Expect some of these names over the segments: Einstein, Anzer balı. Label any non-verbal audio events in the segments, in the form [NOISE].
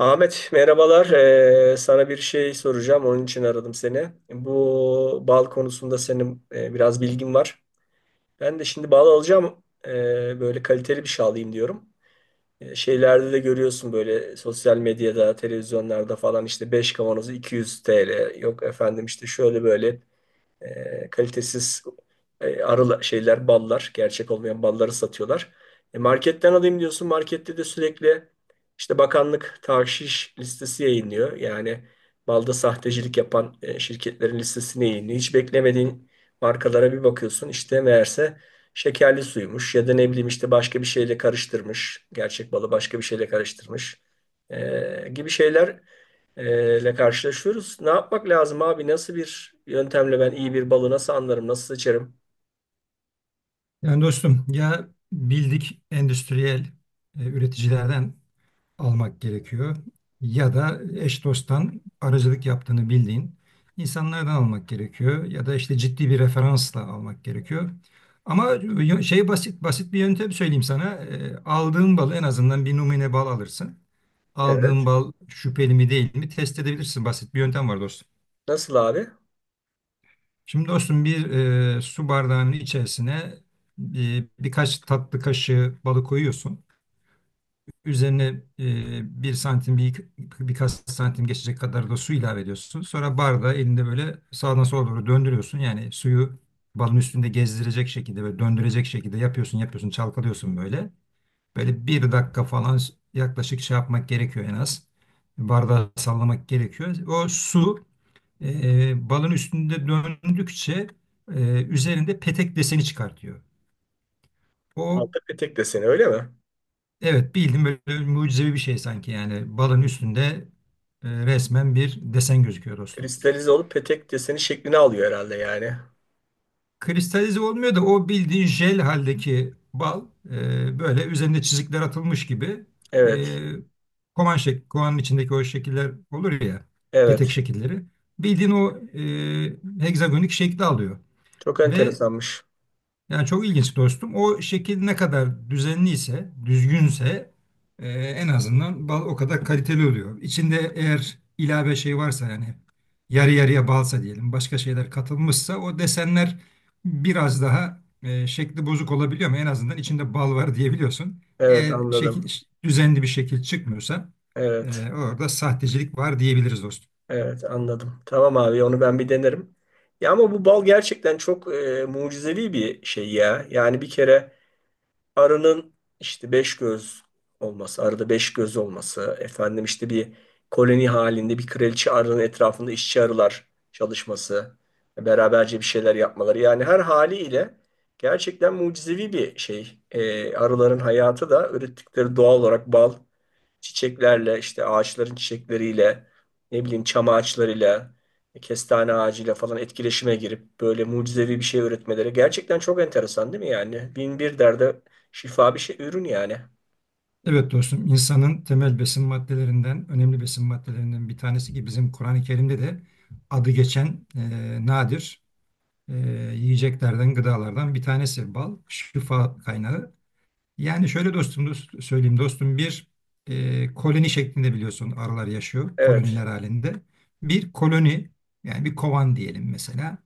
Ahmet merhabalar. Sana bir şey soracağım. Onun için aradım seni. Bu bal konusunda senin biraz bilgin var. Ben de şimdi bal alacağım. Böyle kaliteli bir şey alayım diyorum. Şeylerde de görüyorsun böyle sosyal medyada, televizyonlarda falan işte 5 kavanozu 200 TL. Yok efendim işte şöyle böyle. Kalitesiz arı şeyler, ballar, gerçek olmayan balları satıyorlar. Marketten alayım diyorsun. Markette de sürekli işte bakanlık tahşiş listesi yayınlıyor. Yani balda sahtecilik yapan şirketlerin listesini yayınlıyor. Hiç beklemediğin markalara bir bakıyorsun. İşte meğerse şekerli suymuş ya da ne bileyim işte başka bir şeyle karıştırmış. Gerçek balı başka bir şeyle karıştırmış. Gibi şeyler ile karşılaşıyoruz. Ne yapmak lazım abi? Nasıl bir yöntemle ben iyi bir balı nasıl anlarım, nasıl seçerim? Yani dostum ya bildik endüstriyel üreticilerden almak gerekiyor ya da eş dosttan aracılık yaptığını bildiğin insanlardan almak gerekiyor ya da işte ciddi bir referansla almak gerekiyor. Ama basit basit bir yöntem söyleyeyim sana. Aldığın balı en azından bir numune bal alırsın. Evet. Aldığın bal şüpheli mi değil mi test edebilirsin. Basit bir yöntem var dostum. Nasıl abi? Şimdi dostum bir su bardağının içerisine birkaç tatlı kaşığı balı koyuyorsun. Üzerine 1 santim birkaç santim geçecek kadar da su ilave ediyorsun. Sonra bardağı elinde böyle sağdan sola doğru döndürüyorsun. Yani suyu balın üstünde gezdirecek şekilde ve döndürecek şekilde yapıyorsun çalkalıyorsun böyle. Böyle bir dakika falan yaklaşık şey yapmak gerekiyor en az. Bardağı sallamak gerekiyor. O su balın üstünde döndükçe üzerinde petek deseni çıkartıyor. O Balta petek deseni öyle mi? evet bildim, böyle mucizevi bir şey sanki. Yani balın üstünde resmen bir desen gözüküyor dostum. Kristalize olup petek deseni şeklini alıyor herhalde yani. Kristalize olmuyor da o bildiğin jel haldeki bal böyle üzerinde çizikler atılmış gibi, Evet. e, kovanın içindeki o şekiller olur ya, petek Evet. şekilleri, bildiğin o hegzagonik şekli alıyor Çok ve enteresanmış. yani çok ilginç dostum. O şekil ne kadar düzenliyse, düzgünse en azından bal o kadar kaliteli oluyor. İçinde eğer ilave şey varsa, yani yarı yarıya balsa diyelim, başka şeyler katılmışsa, o desenler biraz daha şekli bozuk olabiliyor, ama en azından içinde bal var diyebiliyorsun. Evet, Eğer anladım. şekil düzenli bir şekil çıkmıyorsa, Evet. e, orada sahtecilik var diyebiliriz dostum. Evet, anladım. Tamam abi, onu ben bir denerim. Ya ama bu bal gerçekten çok mucizevi bir şey ya. Yani bir kere arının işte beş göz olması, arada beş göz olması, efendim işte bir koloni halinde bir kraliçe arının etrafında işçi arılar çalışması, beraberce bir şeyler yapmaları. Yani her haliyle gerçekten mucizevi bir şey. Arıların hayatı da ürettikleri doğal olarak bal, çiçeklerle, işte ağaçların çiçekleriyle, ne bileyim çam ağaçlarıyla, kestane ağacıyla falan etkileşime girip böyle mucizevi bir şey üretmeleri gerçekten çok enteresan değil mi yani? Bin bir derde şifa bir şey, ürün yani. Evet dostum, insanın temel besin maddelerinden, önemli besin maddelerinden bir tanesi, ki bizim Kur'an-ı Kerim'de de adı geçen nadir e, yiyeceklerden, gıdalardan bir tanesi bal, şifa kaynağı. Yani şöyle dostum, söyleyeyim dostum, bir koloni şeklinde biliyorsun arılar yaşıyor, Evet. koloniler halinde. Bir koloni, yani bir kovan diyelim mesela.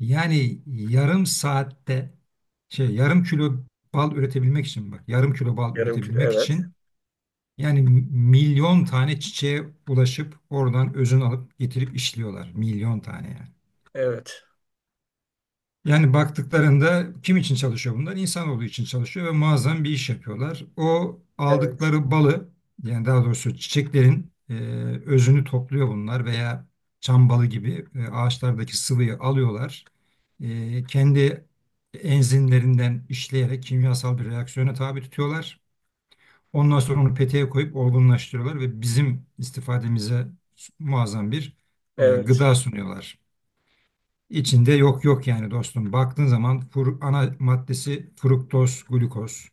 Yani yarım saatte, yarım kilo bal üretebilmek için, bak, yarım kilo bal Yarım kilo. üretebilmek Evet. için yani milyon tane çiçeğe bulaşıp oradan özünü alıp getirip işliyorlar. Milyon tane, yani. Evet. Yani baktıklarında kim için çalışıyor bunlar? İnsanoğlu için çalışıyor ve muazzam bir iş yapıyorlar. O Evet. aldıkları balı, yani daha doğrusu çiçeklerin özünü topluyor bunlar, veya çam balı gibi ağaçlardaki sıvıyı alıyorlar. Kendi enzimlerinden işleyerek kimyasal bir reaksiyona tabi tutuyorlar. Ondan sonra onu peteğe koyup olgunlaştırıyorlar ve bizim istifademize muazzam bir Evet. gıda sunuyorlar. İçinde yok yok, yani dostum. Baktığın zaman ana maddesi fruktoz, glukoz.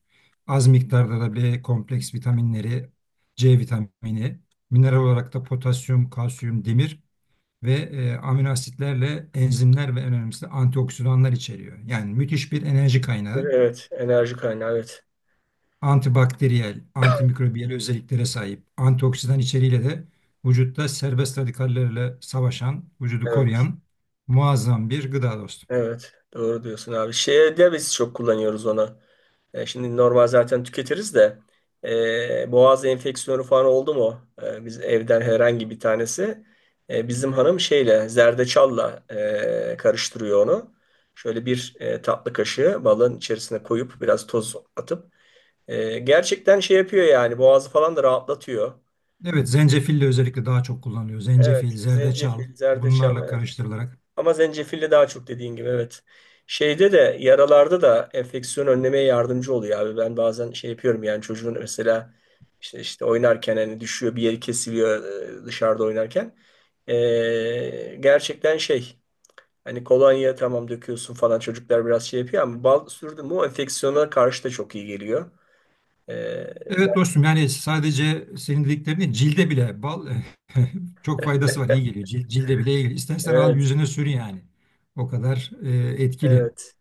Az miktarda da B kompleks vitaminleri, C vitamini, mineral olarak da potasyum, kalsiyum, demir ve amino asitlerle enzimler, ve en önemlisi de antioksidanlar içeriyor. Yani müthiş bir enerji kaynağı. Evet. Enerji kaynağı. Evet. Antibakteriyel, antimikrobiyel özelliklere sahip, antioksidan içeriğiyle de vücutta serbest radikallerle savaşan, vücudu Evet. koruyan muazzam bir gıda dostum. Evet. Doğru diyorsun abi. Şeyde biz çok kullanıyoruz onu. Şimdi normal zaten tüketiriz de boğaz enfeksiyonu falan oldu mu? Biz evden herhangi bir tanesi, bizim hanım şeyle zerdeçalla karıştırıyor onu. Şöyle bir tatlı kaşığı balın içerisine koyup biraz toz atıp. Gerçekten şey yapıyor yani, boğazı falan da rahatlatıyor. Evet, zencefil de özellikle daha çok kullanılıyor. Zencefil, Evet, zerdeçal, zencefil, zerdeçal, bunlarla evet. karıştırılarak. Ama zencefille daha çok, dediğin gibi, evet. Şeyde de, yaralarda da enfeksiyon önlemeye yardımcı oluyor abi. Ben bazen şey yapıyorum yani, çocuğun mesela işte oynarken, hani düşüyor, bir yeri kesiliyor dışarıda oynarken. Gerçekten şey, hani kolonya tamam döküyorsun falan, çocuklar biraz şey yapıyor ama bal sürdün mü o enfeksiyona karşı da çok iyi geliyor. Ee, Evet ben- dostum, yani sadece senin dediklerini, cilde bile bal [LAUGHS] çok faydası var, iyi geliyor. Cilde bile iyi geliyor. İstersen al evet, yüzüne sür yani. O kadar etkili. evet.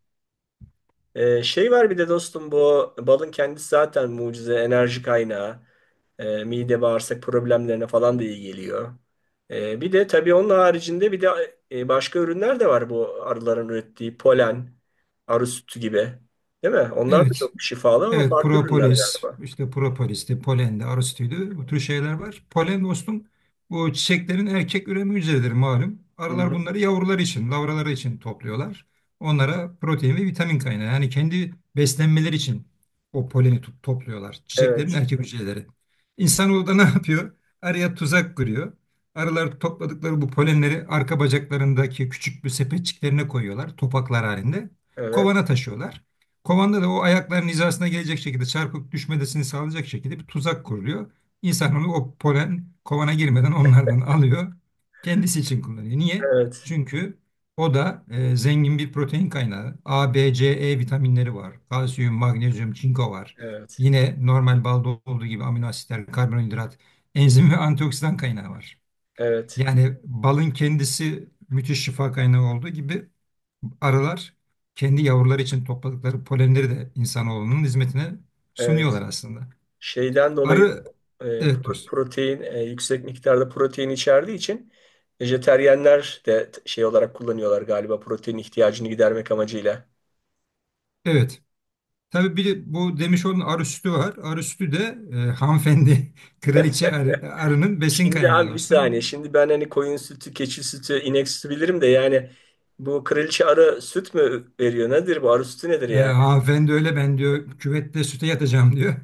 Şey var bir de dostum, bu balın kendisi zaten mucize enerji kaynağı. Mide bağırsak problemlerine falan da iyi geliyor. Bir de tabii onun haricinde bir de başka ürünler de var, bu arıların ürettiği polen, arı sütü gibi. Değil mi? Onlar da Evet. çok şifalı ama Evet, farklı ürünler propolis, galiba. işte propolis'ti, polendi, arostuydu. Bu tür şeyler var. Polen dostum, bu çiçeklerin erkek üreme hücreleridir malum. Hı Arılar hı. bunları yavruları için, lavraları için topluyorlar. Onlara protein ve vitamin kaynağı. Yani kendi beslenmeleri için o poleni topluyorlar. Çiçeklerin Evet, erkek hücreleri. İnsanoğlu da [LAUGHS] ne yapıyor? Arıya tuzak kuruyor. Arılar topladıkları bu polenleri arka bacaklarındaki küçük bir sepetçiklerine koyuyorlar, topaklar halinde. evet, Kovana taşıyorlar. Kovanda da o ayakların hizasına gelecek şekilde çarpıp düşmesini sağlayacak şekilde bir tuzak kuruluyor. İnsan onu o polen kovana girmeden onlardan alıyor. Kendisi için kullanıyor. Niye? evet, Çünkü o da zengin bir protein kaynağı. A, B, C, E vitaminleri var. Kalsiyum, magnezyum, çinko var. evet, Yine normal balda olduğu gibi amino asitler, karbonhidrat, enzim ve antioksidan kaynağı var. evet, Yani balın kendisi müthiş şifa kaynağı olduğu gibi, arılar kendi yavruları için topladıkları polenleri de insanoğlunun hizmetine sunuyorlar evet. aslında. Şeyden dolayı Arı, e, evet dostum, protein, yüksek miktarda protein içerdiği için vejeteryenler de şey olarak kullanıyorlar galiba, protein ihtiyacını gidermek amacıyla. evet. Tabii bir de bu demiş onun, arı sütü var. Arı sütü de hanımefendi, [LAUGHS] arının besin Şimdi kaynağı abi bir saniye. dostum. Şimdi ben hani koyun sütü, keçi sütü, inek sütü bilirim de yani bu kraliçe arı süt mü veriyor? Nedir bu? Arı sütü nedir yani? Hanımefendi öyle, ben diyor küvette süte yatacağım diyor.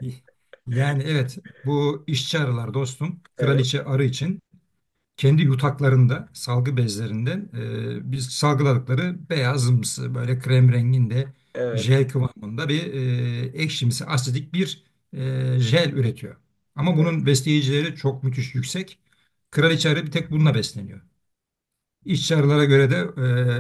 [LAUGHS] Yani evet, bu işçi arılar dostum, Evet, kraliçe arı için kendi yutaklarında salgı bezlerinden biz salgıladıkları beyazımsı, böyle krem renginde, evet, jel kıvamında bir ekşimsi, asidik bir jel üretiyor. Ama evet, bunun besleyicileri çok müthiş yüksek. Kraliçe arı bir tek bununla besleniyor. İşçi arılara göre de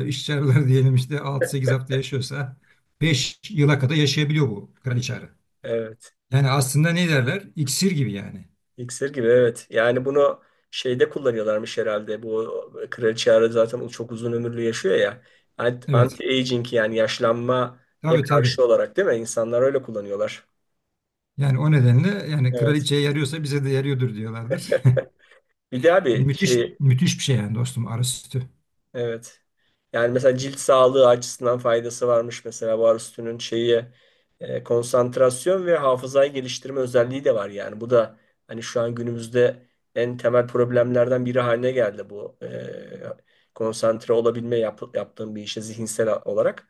işçi arılar [LAUGHS] diyelim işte 6-8 hafta yaşıyorsa, 5 yıla kadar yaşayabiliyor bu kraliçe arı. evet. Yani aslında ne derler? İksir gibi yani. İksir gibi, evet. Yani bunu şeyde kullanıyorlarmış herhalde. Bu kraliçe Ara zaten o çok uzun ömürlü yaşıyor ya. Evet. Anti-aging, yani yaşlanmaya Tabii, tabii. karşı olarak, değil mi? İnsanlar öyle kullanıyorlar. Yani o nedenle, yani Evet. kraliçeye yarıyorsa bize de yarıyordur diyorlardır. [LAUGHS] Bir de abi Müthiş, şey. müthiş bir şey yani dostum arı sütü. Evet. Yani mesela cilt sağlığı açısından faydası varmış mesela, bu arüstünün şeyi, konsantrasyon ve hafızayı geliştirme özelliği de var yani. Bu da hani şu an günümüzde en temel problemlerden biri haline geldi, bu konsantre olabilme, yaptığım bir işe zihinsel olarak.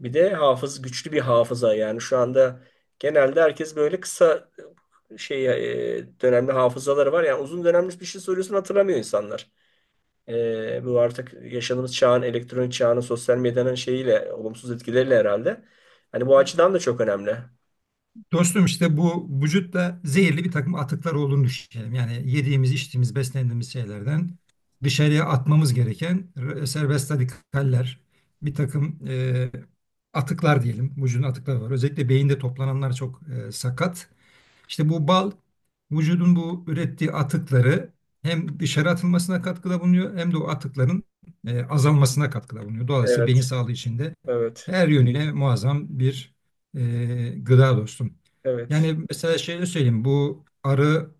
Bir de güçlü bir hafıza yani, şu anda genelde herkes böyle kısa e, şey dönemli hafızaları var. Yani uzun dönemli bir şey soruyorsun, hatırlamıyor insanlar. Bu artık yaşadığımız çağın, elektronik çağının, sosyal medyanın şeyiyle, olumsuz etkileriyle herhalde. Hani bu açıdan da çok önemli. Dostum, işte bu vücutta zehirli bir takım atıklar olduğunu düşünelim. Yani yediğimiz, içtiğimiz, beslendiğimiz şeylerden dışarıya atmamız gereken serbest radikaller, bir takım atıklar diyelim. Vücudun atıkları var. Özellikle beyinde toplananlar çok sakat. İşte bu bal vücudun bu ürettiği atıkları hem dışarı atılmasına katkıda bulunuyor, hem de o atıkların azalmasına katkıda bulunuyor. Dolayısıyla beyin Evet, sağlığı için de evet, her yönüyle muazzam bir gıda dostum. evet, Yani mesela şöyle söyleyeyim, bu arı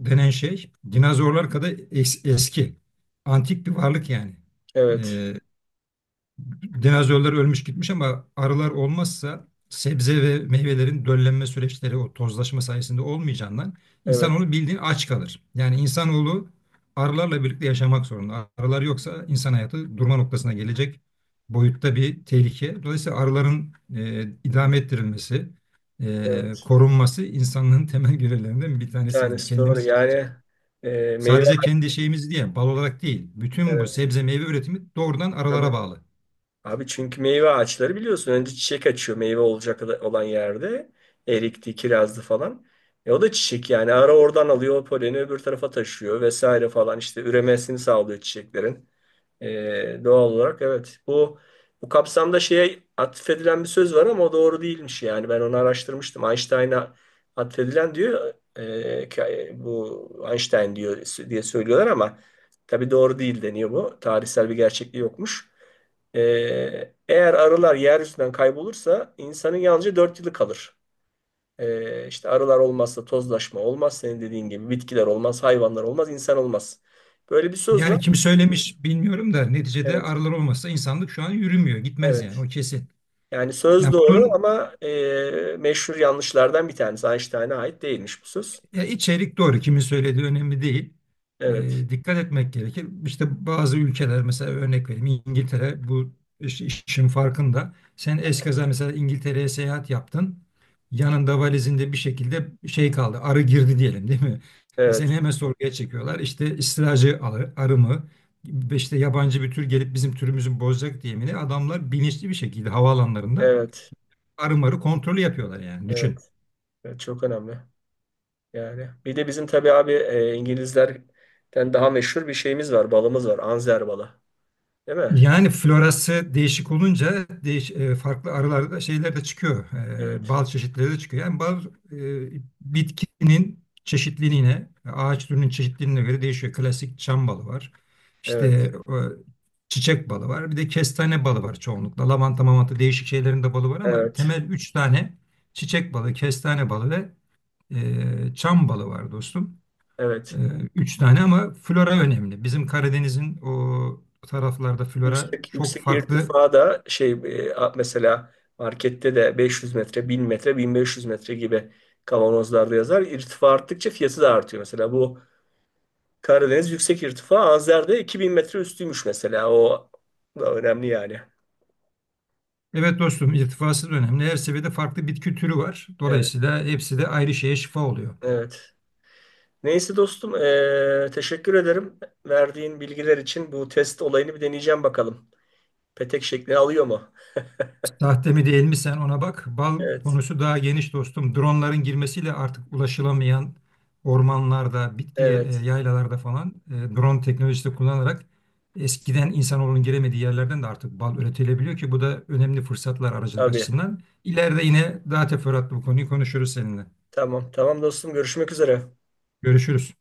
denen şey dinozorlar kadar eski, antik bir varlık yani. evet, E, Dinozorlar ölmüş gitmiş ama arılar olmazsa sebze ve meyvelerin döllenme süreçleri o tozlaşma sayesinde olmayacağından evet, insanoğlu bildiğin aç kalır. Yani insanoğlu arılarla birlikte yaşamak zorunda. Arılar yoksa insan hayatı durma noktasına gelecek boyutta bir tehlike. Dolayısıyla arıların idame ettirilmesi, evet. korunması insanlığın [LAUGHS] temel görevlerinden bir Bir tanesi. Yani tanesi doğru. kendimiz için. Yani meyve, Sadece kendi şeyimiz diye bal olarak değil, bütün bu evet. sebze meyve üretimi doğrudan Tabii. arılara bağlı. Abi, çünkü meyve ağaçları biliyorsun, önce çiçek açıyor meyve olacak olan yerde. Erikti, kirazdı falan. O da çiçek yani. Ara oradan alıyor o poleni, öbür tarafa taşıyor vesaire falan. İşte üremesini sağlıyor çiçeklerin. Doğal olarak, evet. Bu kapsamda şeye atfedilen bir söz var ama o doğru değilmiş yani. Ben onu araştırmıştım. Einstein'a atfedilen diyor. Bu Einstein diyor diye söylüyorlar ama tabii doğru değil deniyor bu. Tarihsel bir gerçekliği yokmuş. Eğer arılar yeryüzünden kaybolursa insanın yalnızca 4 yılı kalır. İşte arılar olmazsa tozlaşma olmaz, senin dediğin gibi bitkiler olmaz, hayvanlar olmaz, insan olmaz. Böyle bir söz var. Yani kim söylemiş bilmiyorum da, neticede Evet, arılar olmasa insanlık şu an yürümüyor, gitmez yani, evet. o kesin. Yani söz Yani doğru bunun ama meşhur yanlışlardan bir tanesi. Einstein'a ait değilmiş bu söz. Ya, içerik doğru, kimin söylediği önemli değil. Evet, Dikkat etmek gerekir. İşte bazı ülkeler, mesela örnek vereyim, İngiltere bu işin farkında. Sen eskaza mesela İngiltere'ye seyahat yaptın. Yanında valizinde bir şekilde şey kaldı, arı girdi diyelim, değil mi? Seni evet, hemen sorguya çekiyorlar. İşte istilacı arı, arı mı? Ve işte yabancı bir tür gelip bizim türümüzü bozacak diye mi, ne? Adamlar bilinçli bir şekilde havaalanlarında evet, arı marı kontrolü yapıyorlar yani. Düşün. evet, evet. Çok önemli. Yani bir de bizim tabii abi, İngilizlerden daha meşhur bir şeyimiz var. Balımız var. Anzer balı. Değil mi? Yani florası değişik olunca farklı arılarda şeyler de çıkıyor. Evet, Bal çeşitleri de çıkıyor. Yani bal bitkinin çeşitliliğine, ağaç türünün çeşitliliğine göre değişiyor. Klasik çam balı var. İşte evet, çiçek balı var. Bir de kestane balı var çoğunlukla. Lavanta, mamanta, değişik şeylerin de balı var, ama evet, temel üç tane: çiçek balı, kestane balı ve çam balı var dostum. Ee, evet. Üç tane, ama flora önemli. Bizim Karadeniz'in o taraflarda flora Yüksek çok yüksek farklı. irtifada şey, mesela markette de 500 metre, 1000 metre, 1500 metre gibi kavanozlarda yazar. İrtifa arttıkça fiyatı da artıyor. Mesela bu Karadeniz yüksek irtifa. Azer'de 2000 metre üstüymüş mesela. O da önemli yani. Evet dostum, irtifası da önemli. Her seviyede farklı bitki türü var. Evet, Dolayısıyla hepsi de ayrı şeye şifa oluyor. evet. Neyse dostum, teşekkür ederim. Verdiğin bilgiler için bu test olayını bir deneyeceğim bakalım. Petek şeklini alıyor mu? Sahte mi değil mi, sen ona bak. Bal Evet, konusu daha geniş dostum. Dronların girmesiyle artık ulaşılamayan ormanlarda, bitki evet. yaylalarda falan, drone teknolojisi kullanarak eskiden insanoğlunun giremediği yerlerden de artık bal üretilebiliyor, ki bu da önemli fırsatlar aracılık Abi. açısından. İleride yine daha teferruatlı bu konuyu konuşuruz seninle. Tamam, tamam dostum. Görüşmek üzere. Görüşürüz.